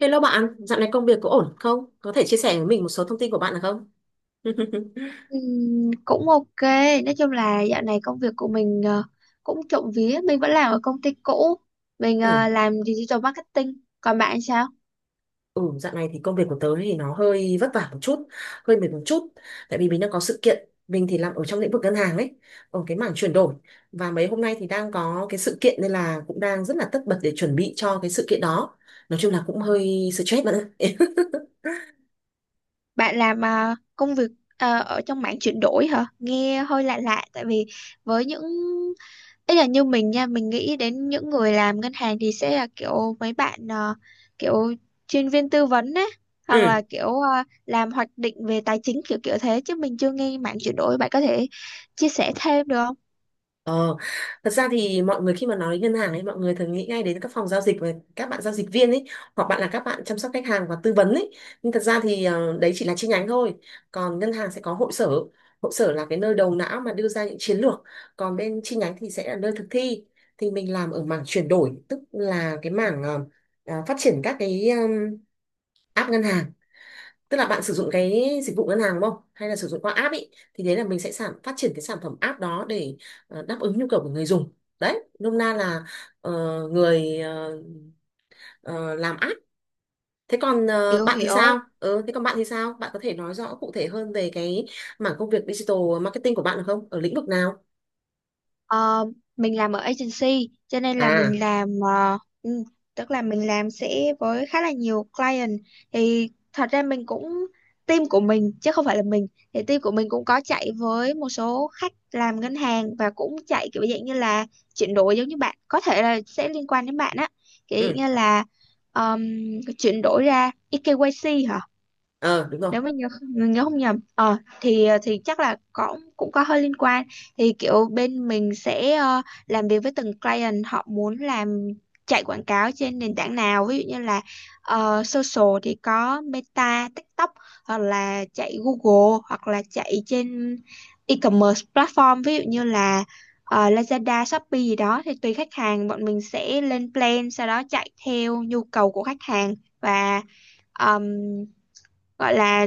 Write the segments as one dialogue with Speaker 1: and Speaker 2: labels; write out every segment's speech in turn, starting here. Speaker 1: Hello bạn, dạo này công việc có ổn không? Có thể chia sẻ với mình một số thông tin của bạn được không?
Speaker 2: Cũng ok, nói chung là dạo này công việc của mình cũng trộm vía mình vẫn làm ở công ty cũ. Mình
Speaker 1: Ừ.
Speaker 2: làm digital marketing, còn bạn sao?
Speaker 1: Ừ, dạo này thì công việc của tớ thì nó hơi vất vả một chút, hơi mệt một chút. Tại vì mình đang có sự kiện, mình thì làm ở trong lĩnh vực ngân hàng ấy, ở cái mảng chuyển đổi. Và mấy hôm nay thì đang có cái sự kiện nên là cũng đang rất là tất bật để chuẩn bị cho cái sự kiện đó. Nói chung là cũng hơi stress bạn ạ.
Speaker 2: Bạn làm công việc ở trong mảng chuyển đổi hả? Nghe hơi lạ lạ, tại vì với những, ý là như mình nha, mình nghĩ đến những người làm ngân hàng thì sẽ là kiểu mấy bạn kiểu chuyên viên tư vấn á, hoặc
Speaker 1: Ừ.
Speaker 2: là kiểu làm hoạch định về tài chính kiểu kiểu thế, chứ mình chưa nghe mảng chuyển đổi. Bạn có thể chia sẻ thêm được không?
Speaker 1: Ờ, Thật ra thì mọi người khi mà nói đến ngân hàng ấy, mọi người thường nghĩ ngay đến các phòng giao dịch và các bạn giao dịch viên ấy, hoặc bạn là các bạn chăm sóc khách hàng và tư vấn ấy. Nhưng thật ra thì đấy chỉ là chi nhánh thôi. Còn ngân hàng sẽ có hội sở. Hội sở là cái nơi đầu não mà đưa ra những chiến lược. Còn bên chi nhánh thì sẽ là nơi thực thi. Thì mình làm ở mảng chuyển đổi, tức là cái mảng phát triển các cái app ngân hàng, tức là bạn sử dụng cái dịch vụ ngân hàng đúng không, hay là sử dụng qua app ý, thì đấy là mình sẽ phát triển cái sản phẩm app đó để đáp ứng nhu cầu của người dùng. Đấy, nôm na là ờ, người ờ, làm app. Thế còn
Speaker 2: Hiểu
Speaker 1: bạn thì
Speaker 2: hiểu.
Speaker 1: sao? Ừ, Thế còn bạn thì sao, bạn có thể nói rõ cụ thể hơn về cái mảng công việc digital marketing của bạn được không, ở lĩnh vực nào?
Speaker 2: Ờ, mình làm ở agency cho nên là
Speaker 1: À.
Speaker 2: mình làm tức là mình làm sẽ với khá là nhiều client. Thì thật ra mình cũng, team của mình chứ không phải là mình, thì team của mình cũng có chạy với một số khách làm ngân hàng, và cũng chạy kiểu dạng như là chuyển đổi giống như bạn, có thể là sẽ liên quan đến bạn á, kiểu dạng
Speaker 1: Ừ.
Speaker 2: như là um, chuyển đổi ra eKYC hả?
Speaker 1: Ờ, đúng rồi.
Speaker 2: Nếu mà nhớ mình nhớ không nhầm ờ thì chắc là có, cũng có hơi liên quan. Thì kiểu bên mình sẽ làm việc với từng client, họ muốn làm chạy quảng cáo trên nền tảng nào, ví dụ như là social thì có Meta, TikTok, hoặc là chạy Google, hoặc là chạy trên e-commerce platform, ví dụ như là Lazada, Shopee gì đó. Thì tùy khách hàng, bọn mình sẽ lên plan sau đó chạy theo nhu cầu của khách hàng. Và ờm, gọi là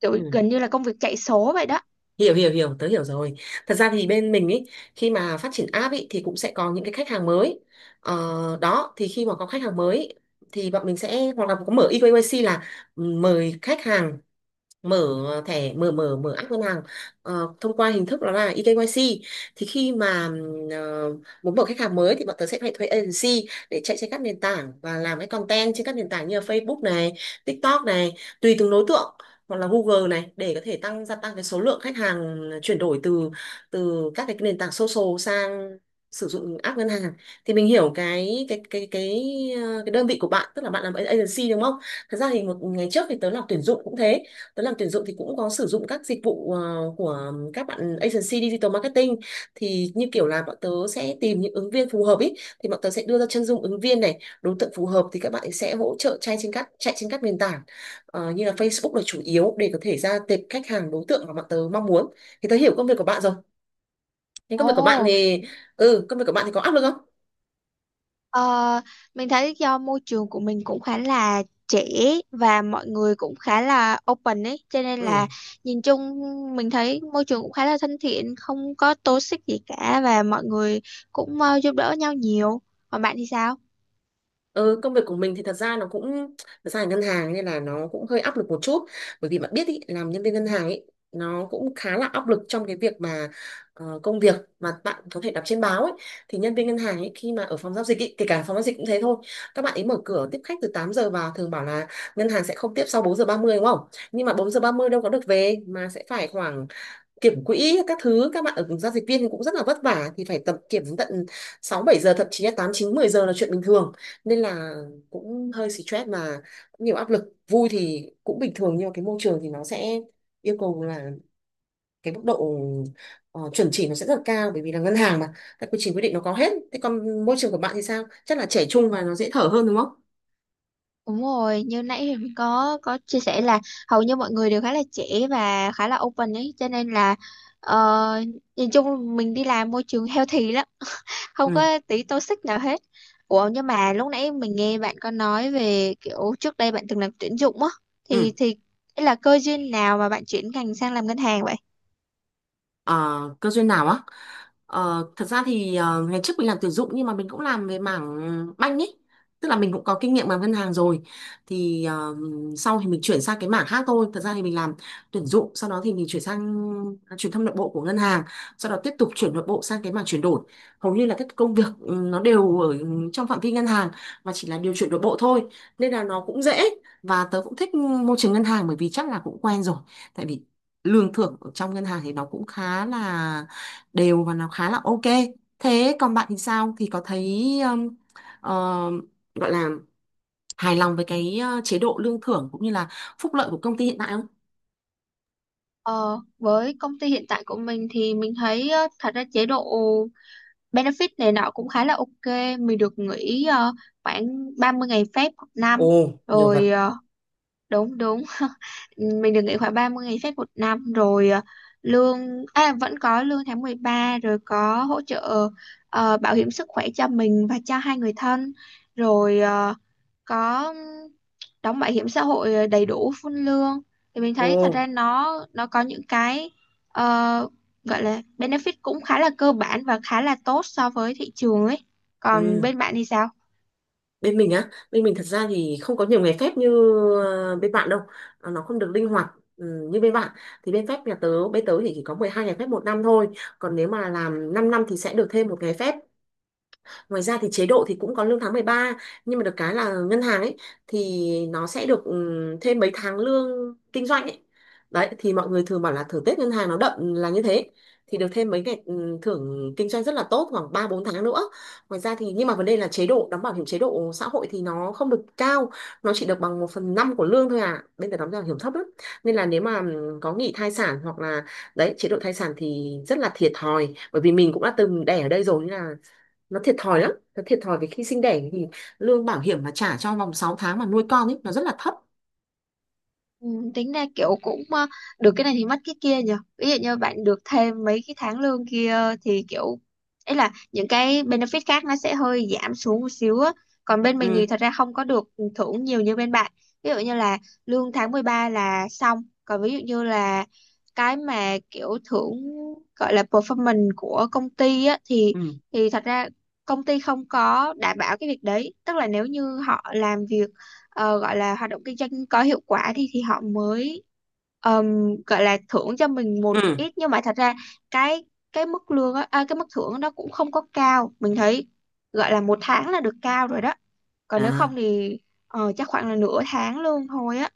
Speaker 2: kiểu
Speaker 1: Ừ,
Speaker 2: gần như là công việc chạy số vậy đó.
Speaker 1: hiểu hiểu hiểu, tớ hiểu rồi. Thật ra thì bên mình ấy, khi mà phát triển app ấy thì cũng sẽ có những cái khách hàng mới. ờ, Đó, thì khi mà có khách hàng mới ý, thì bọn mình sẽ hoặc là có mở eKYC, là mời khách hàng mở thẻ, mở mở mở app ngân hàng thông qua hình thức đó là eKYC. Thì khi mà muốn mở khách hàng mới thì bọn tớ sẽ phải thuê agency để chạy trên các nền tảng và làm cái content trên các nền tảng như là Facebook này, TikTok này, tùy từng đối tượng, hoặc là Google này, để có thể tăng, gia tăng cái số lượng khách hàng chuyển đổi từ từ các cái nền tảng social sang sử dụng app ngân hàng. Thì mình hiểu cái đơn vị của bạn, tức là bạn làm agency đúng không. Thật ra thì một ngày trước thì tớ làm tuyển dụng cũng thế. Tớ làm tuyển dụng thì cũng có sử dụng các dịch vụ của các bạn agency digital marketing. Thì như kiểu là bọn tớ sẽ tìm những ứng viên phù hợp ý, thì bọn tớ sẽ đưa ra chân dung ứng viên này, đối tượng phù hợp, thì các bạn ấy sẽ hỗ trợ chạy trên các nền tảng như là Facebook là chủ yếu, để có thể ra tệp khách hàng, đối tượng mà bọn tớ mong muốn. Thì tớ hiểu công việc của bạn rồi, nhưng công việc của bạn
Speaker 2: Ồ,
Speaker 1: thì, công việc của bạn thì có áp lực không?
Speaker 2: ờ, mình thấy do môi trường của mình cũng khá là trẻ và mọi người cũng khá là open ấy, cho nên
Speaker 1: Ừ.
Speaker 2: là nhìn chung mình thấy môi trường cũng khá là thân thiện, không có toxic gì cả, và mọi người cũng giúp đỡ nhau nhiều. Còn bạn thì sao?
Speaker 1: Ừ, công việc của mình thì thật ra là ngân hàng nên là nó cũng hơi áp lực một chút, bởi vì bạn biết ý, làm nhân viên ngân hàng ý, nó cũng khá là áp lực trong cái việc mà công việc mà bạn có thể đọc trên báo ấy. Thì nhân viên ngân hàng ấy khi mà ở phòng giao dịch ý, kể cả phòng giao dịch cũng thế thôi, các bạn ấy mở cửa tiếp khách từ 8 giờ, vào thường bảo là ngân hàng sẽ không tiếp sau 4:30 đúng không, nhưng mà 4:30 đâu có được về, mà sẽ phải khoảng kiểm quỹ các thứ. Các bạn ở giao dịch viên thì cũng rất là vất vả, thì phải tập kiểm đến tận 6 7 giờ, thậm chí là 8 9 10 giờ là chuyện bình thường. Nên là cũng hơi stress mà, cũng nhiều áp lực. Vui thì cũng bình thường, nhưng mà cái môi trường thì nó sẽ yêu cầu là cái mức độ chuẩn chỉ nó sẽ rất là cao, bởi vì là ngân hàng mà, các quy trình quy định nó có hết. Thế còn môi trường của bạn thì sao, chắc là trẻ trung và nó dễ thở hơn đúng không?
Speaker 2: Đúng rồi, như nãy thì mình có chia sẻ là hầu như mọi người đều khá là trẻ và khá là open ấy, cho nên là ờ, nhìn chung mình đi làm môi trường healthy lắm. Không
Speaker 1: Ừ.
Speaker 2: có tí toxic nào hết. Ủa, nhưng mà lúc nãy mình nghe bạn có nói về kiểu trước đây bạn từng làm tuyển dụng á, thì
Speaker 1: Ừ.
Speaker 2: thì là cơ duyên nào mà bạn chuyển ngành sang làm ngân hàng vậy?
Speaker 1: Ờ, cơ duyên nào á. Ờ, thật ra thì ngày trước mình làm tuyển dụng, nhưng mà mình cũng làm về mảng banh ấy, tức là mình cũng có kinh nghiệm làm ngân hàng rồi. Thì sau thì mình chuyển sang cái mảng khác thôi. Thật ra thì mình làm tuyển dụng, sau đó thì mình chuyển sang truyền thông nội bộ của ngân hàng, sau đó tiếp tục chuyển nội bộ sang cái mảng chuyển đổi. Hầu như là các công việc ừ, nó đều ở trong phạm vi ngân hàng, mà chỉ là điều chuyển nội bộ thôi, nên là nó cũng dễ. Và tớ cũng thích môi trường ngân hàng, bởi vì chắc là cũng quen rồi, tại vì lương thưởng ở trong ngân hàng thì nó cũng khá là đều và nó khá là ok. Thế còn bạn thì sao, thì có thấy ờ, gọi là hài lòng với cái chế độ lương thưởng cũng như là phúc lợi của công ty hiện tại không?
Speaker 2: Ờ, với công ty hiện tại của mình thì mình thấy thật ra chế độ benefit này nọ cũng khá là ok. Mình được nghỉ khoảng 30 ngày phép một năm.
Speaker 1: Ồ, nhiều vật.
Speaker 2: Rồi đúng đúng, mình được nghỉ khoảng 30 ngày phép một năm. Rồi lương, à, vẫn có lương tháng 13. Rồi có hỗ trợ bảo hiểm sức khỏe cho mình và cho hai người thân. Rồi có đóng bảo hiểm xã hội đầy đủ full lương. Thì mình thấy thật
Speaker 1: Ồ.
Speaker 2: ra nó có những cái ờ, gọi là benefit cũng khá là cơ bản và khá là tốt so với thị trường ấy. Còn
Speaker 1: Ừ.
Speaker 2: bên bạn thì sao?
Speaker 1: Bên mình á, bên mình thật ra thì không có nhiều ngày phép như bên bạn đâu. Ờ, nó không được linh hoạt ừ, như bên bạn. Thì bên tớ thì chỉ có 12 ngày phép một năm thôi, còn nếu mà làm 5 năm thì sẽ được thêm một ngày phép. Ngoài ra thì chế độ thì cũng có lương tháng 13, nhưng mà được cái là ngân hàng ấy thì nó sẽ được thêm mấy tháng lương kinh doanh ấy. Đấy, thì mọi người thường bảo là thưởng Tết ngân hàng nó đậm là như thế. Thì được thêm mấy ngày thưởng kinh doanh rất là tốt, khoảng 3 4 tháng nữa. Ngoài ra thì, nhưng mà vấn đề là chế độ đóng bảo hiểm, chế độ xã hội thì nó không được cao, nó chỉ được bằng 1/5 của lương thôi à. Bên ta đóng bảo hiểm thấp lắm. Nên là nếu mà có nghỉ thai sản hoặc là, đấy, chế độ thai sản thì rất là thiệt thòi, bởi vì mình cũng đã từng đẻ ở đây rồi, nên là nó thiệt thòi lắm. Nó thiệt thòi vì khi sinh đẻ thì lương bảo hiểm mà trả cho vòng 6 tháng mà nuôi con ấy nó rất là thấp.
Speaker 2: Ừ, tính ra kiểu cũng được cái này thì mất cái kia nhỉ. Ví dụ như bạn được thêm mấy cái tháng lương kia thì kiểu ấy là những cái benefit khác nó sẽ hơi giảm xuống một xíu á. Còn bên mình
Speaker 1: Ừ.
Speaker 2: thì thật ra không có được thưởng nhiều như bên bạn. Ví dụ như là lương tháng 13 là xong, còn ví dụ như là cái mà kiểu thưởng gọi là performance của công ty á thì
Speaker 1: Ừ.
Speaker 2: thật ra công ty không có đảm bảo cái việc đấy, tức là nếu như họ làm việc gọi là hoạt động kinh doanh có hiệu quả thì họ mới gọi là thưởng cho mình một
Speaker 1: Ừ.
Speaker 2: ít. Nhưng mà thật ra cái cái mức lương á, à, cái mức thưởng đó cũng không có cao, mình thấy gọi là một tháng là được cao rồi đó, còn nếu
Speaker 1: À.
Speaker 2: không thì chắc khoảng là nửa tháng lương thôi á.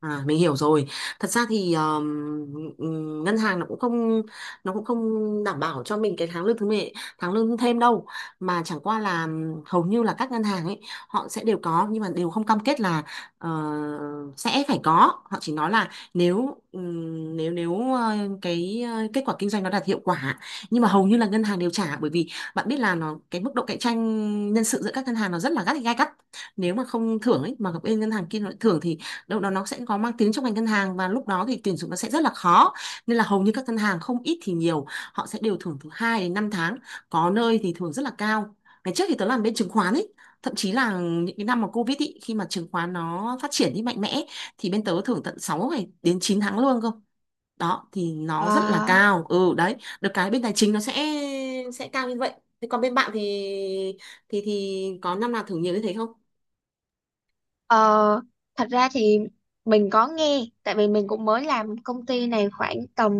Speaker 1: À, mình hiểu rồi. Thật ra thì ngân hàng nó cũng không đảm bảo cho mình cái tháng lương thêm đâu, mà chẳng qua là hầu như là các ngân hàng ấy họ sẽ đều có, nhưng mà đều không cam kết là ờ, sẽ phải có. Họ chỉ nói là nếu nếu nếu ờ, cái kết quả kinh doanh nó đạt hiệu quả. Nhưng mà hầu như là ngân hàng đều trả, bởi vì bạn biết là nó cái mức độ cạnh tranh nhân sự giữa các ngân hàng nó rất là gay gắt, nếu mà không thưởng ấy mà bên ngân hàng kia nó lại thưởng thì đâu đó nó sẽ có mang tiếng trong ngành ngân hàng, và lúc đó thì tuyển dụng nó sẽ rất là khó. Nên là hầu như các ngân hàng không ít thì nhiều họ sẽ đều thưởng từ 2 đến 5 tháng, có nơi thì thưởng rất là cao. Ngày trước thì tớ làm bên chứng khoán ấy, thậm chí là những cái năm mà Covid ý, khi mà chứng khoán nó phát triển đi mạnh mẽ, thì bên tớ thưởng tận 6 ngày đến 9 tháng lương cơ. Đó, thì nó rất là
Speaker 2: Wow.
Speaker 1: cao. Ừ, đấy, được cái bên tài chính nó sẽ cao như vậy. Thế còn bên bạn thì, thì có năm nào thưởng nhiều như thế không?
Speaker 2: Ờ, thật ra thì mình có nghe tại vì mình cũng mới làm công ty này khoảng tầm,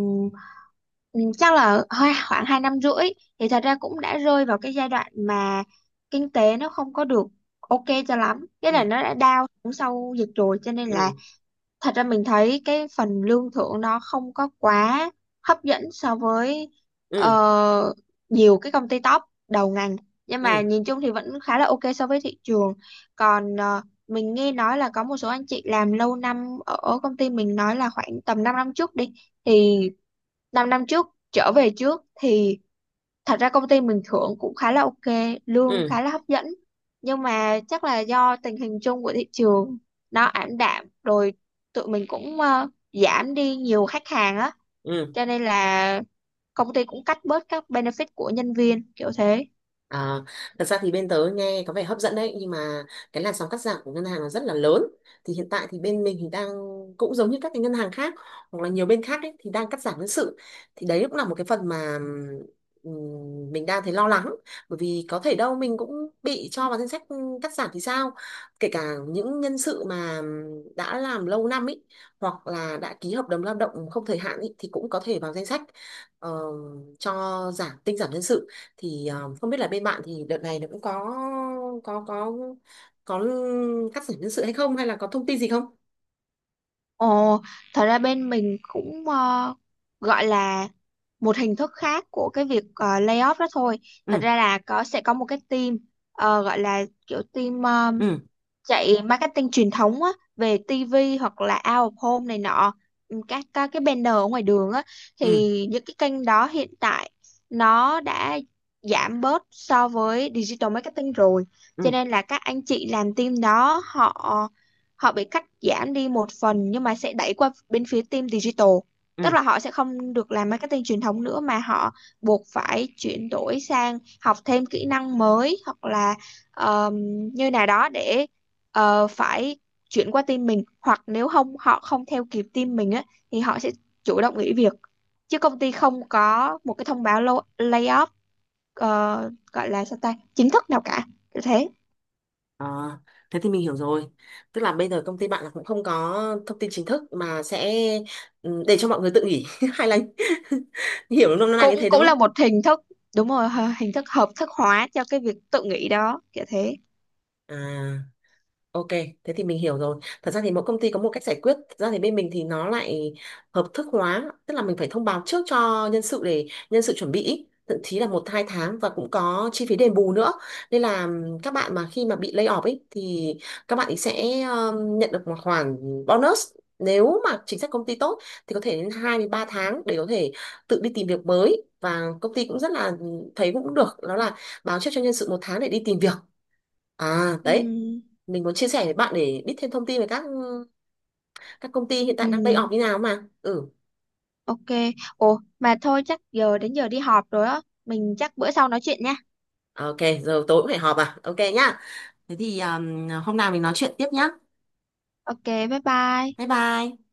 Speaker 2: Chắc là hơi khoảng 2,5 năm, thì thật ra cũng đã rơi vào cái giai đoạn mà kinh tế nó không có được ok cho lắm, cái là
Speaker 1: Ừ.
Speaker 2: nó đã down xuống sau dịch rồi, cho nên là
Speaker 1: Ừ.
Speaker 2: thật ra mình thấy cái phần lương thưởng nó không có quá hấp dẫn so với
Speaker 1: Ừ.
Speaker 2: ờ, nhiều cái công ty top đầu ngành. Nhưng
Speaker 1: Ừ.
Speaker 2: mà nhìn chung thì vẫn khá là ok so với thị trường. Còn mình nghe nói là có một số anh chị làm lâu năm ở ở công ty mình nói là khoảng tầm 5 năm trước đi, thì 5 năm trước trở về trước thì thật ra công ty mình thưởng cũng khá là ok, lương
Speaker 1: Ừ.
Speaker 2: khá là hấp dẫn. Nhưng mà chắc là do tình hình chung của thị trường nó ảm đạm rồi, tụi mình cũng giảm đi nhiều khách hàng á,
Speaker 1: Ừ.
Speaker 2: cho nên là công ty cũng cắt bớt các benefit của nhân viên kiểu thế.
Speaker 1: À, thật ra thì bên tớ nghe có vẻ hấp dẫn đấy, nhưng mà cái làn sóng cắt giảm của ngân hàng là rất là lớn. Thì hiện tại thì bên mình thì đang, cũng giống như các cái ngân hàng khác hoặc là nhiều bên khác ấy, thì đang cắt giảm nhân sự. Thì đấy cũng là một cái phần mà mình đang thấy lo lắng, bởi vì có thể đâu mình cũng bị cho vào danh sách cắt giảm thì sao. Kể cả những nhân sự mà đã làm lâu năm ấy, hoặc là đã ký hợp đồng lao động không thời hạn ấy, thì cũng có thể vào danh sách ờ, cho giảm tinh giảm nhân sự. Thì không biết là bên bạn thì đợt này nó cũng có có có cắt giảm nhân sự hay không, hay là có thông tin gì không?
Speaker 2: Ồ, thật ra bên mình cũng gọi là một hình thức khác của cái việc layoff đó thôi. Thật
Speaker 1: Ừ.
Speaker 2: ra là có, sẽ có một cái team gọi là kiểu team
Speaker 1: Ừ.
Speaker 2: chạy marketing truyền thống á, về TV hoặc là out of home này nọ, các cái banner ở ngoài đường á. Thì
Speaker 1: Ừ.
Speaker 2: những cái kênh đó hiện tại nó đã giảm bớt so với digital marketing rồi, cho
Speaker 1: Ừ.
Speaker 2: nên là các anh chị làm team đó họ, họ bị cắt giảm đi một phần, nhưng mà sẽ đẩy qua bên phía team digital.
Speaker 1: Ừ.
Speaker 2: Tức là họ sẽ không được làm marketing truyền thống nữa mà họ buộc phải chuyển đổi sang học thêm kỹ năng mới, hoặc là um, như nào đó để phải chuyển qua team mình, hoặc nếu không họ không theo kịp team mình á thì họ sẽ chủ động nghỉ việc, chứ công ty không có một cái thông báo layoff gọi là sao ta chính thức nào cả. Kiểu thế.
Speaker 1: Ờ, thế thì mình hiểu rồi. Tức là bây giờ công ty bạn là cũng không có thông tin chính thức, mà sẽ ừ, để cho mọi người tự nghỉ, hay là hiểu nôm na như
Speaker 2: Cũng
Speaker 1: thế đúng
Speaker 2: cũng là
Speaker 1: không?
Speaker 2: một hình thức, đúng rồi, hình thức hợp thức hóa cho cái việc tự nghỉ đó kiểu thế.
Speaker 1: À. Ok, thế thì mình hiểu rồi. Thật ra thì mỗi công ty có một cách giải quyết. Thật ra thì bên mình thì nó lại hợp thức hóa, tức là mình phải thông báo trước cho nhân sự để nhân sự chuẩn bị, ý, thậm chí là 1 2 tháng, và cũng có chi phí đền bù nữa. Nên là các bạn mà khi mà bị lay off ấy thì các bạn ấy sẽ nhận được một khoản bonus, nếu mà chính sách công ty tốt thì có thể đến 2 đến 3 tháng để có thể tự đi tìm việc mới. Và công ty cũng rất là thấy cũng được, đó là báo trước cho nhân sự một tháng để đi tìm việc. À đấy,
Speaker 2: Ừ.
Speaker 1: mình muốn chia sẻ với bạn để biết thêm thông tin về các ừ, các công ty hiện tại đang lay off
Speaker 2: Ừ,
Speaker 1: như nào mà. Ừ.
Speaker 2: ok. Ồ, mà thôi, chắc giờ đến giờ đi họp rồi á, mình chắc bữa sau nói chuyện nha.
Speaker 1: Ok. Giờ tối cũng phải họp à, ok nhá. Thế thì hôm nào mình nói chuyện tiếp nhá.
Speaker 2: Ok, bye bye.
Speaker 1: Bye bye.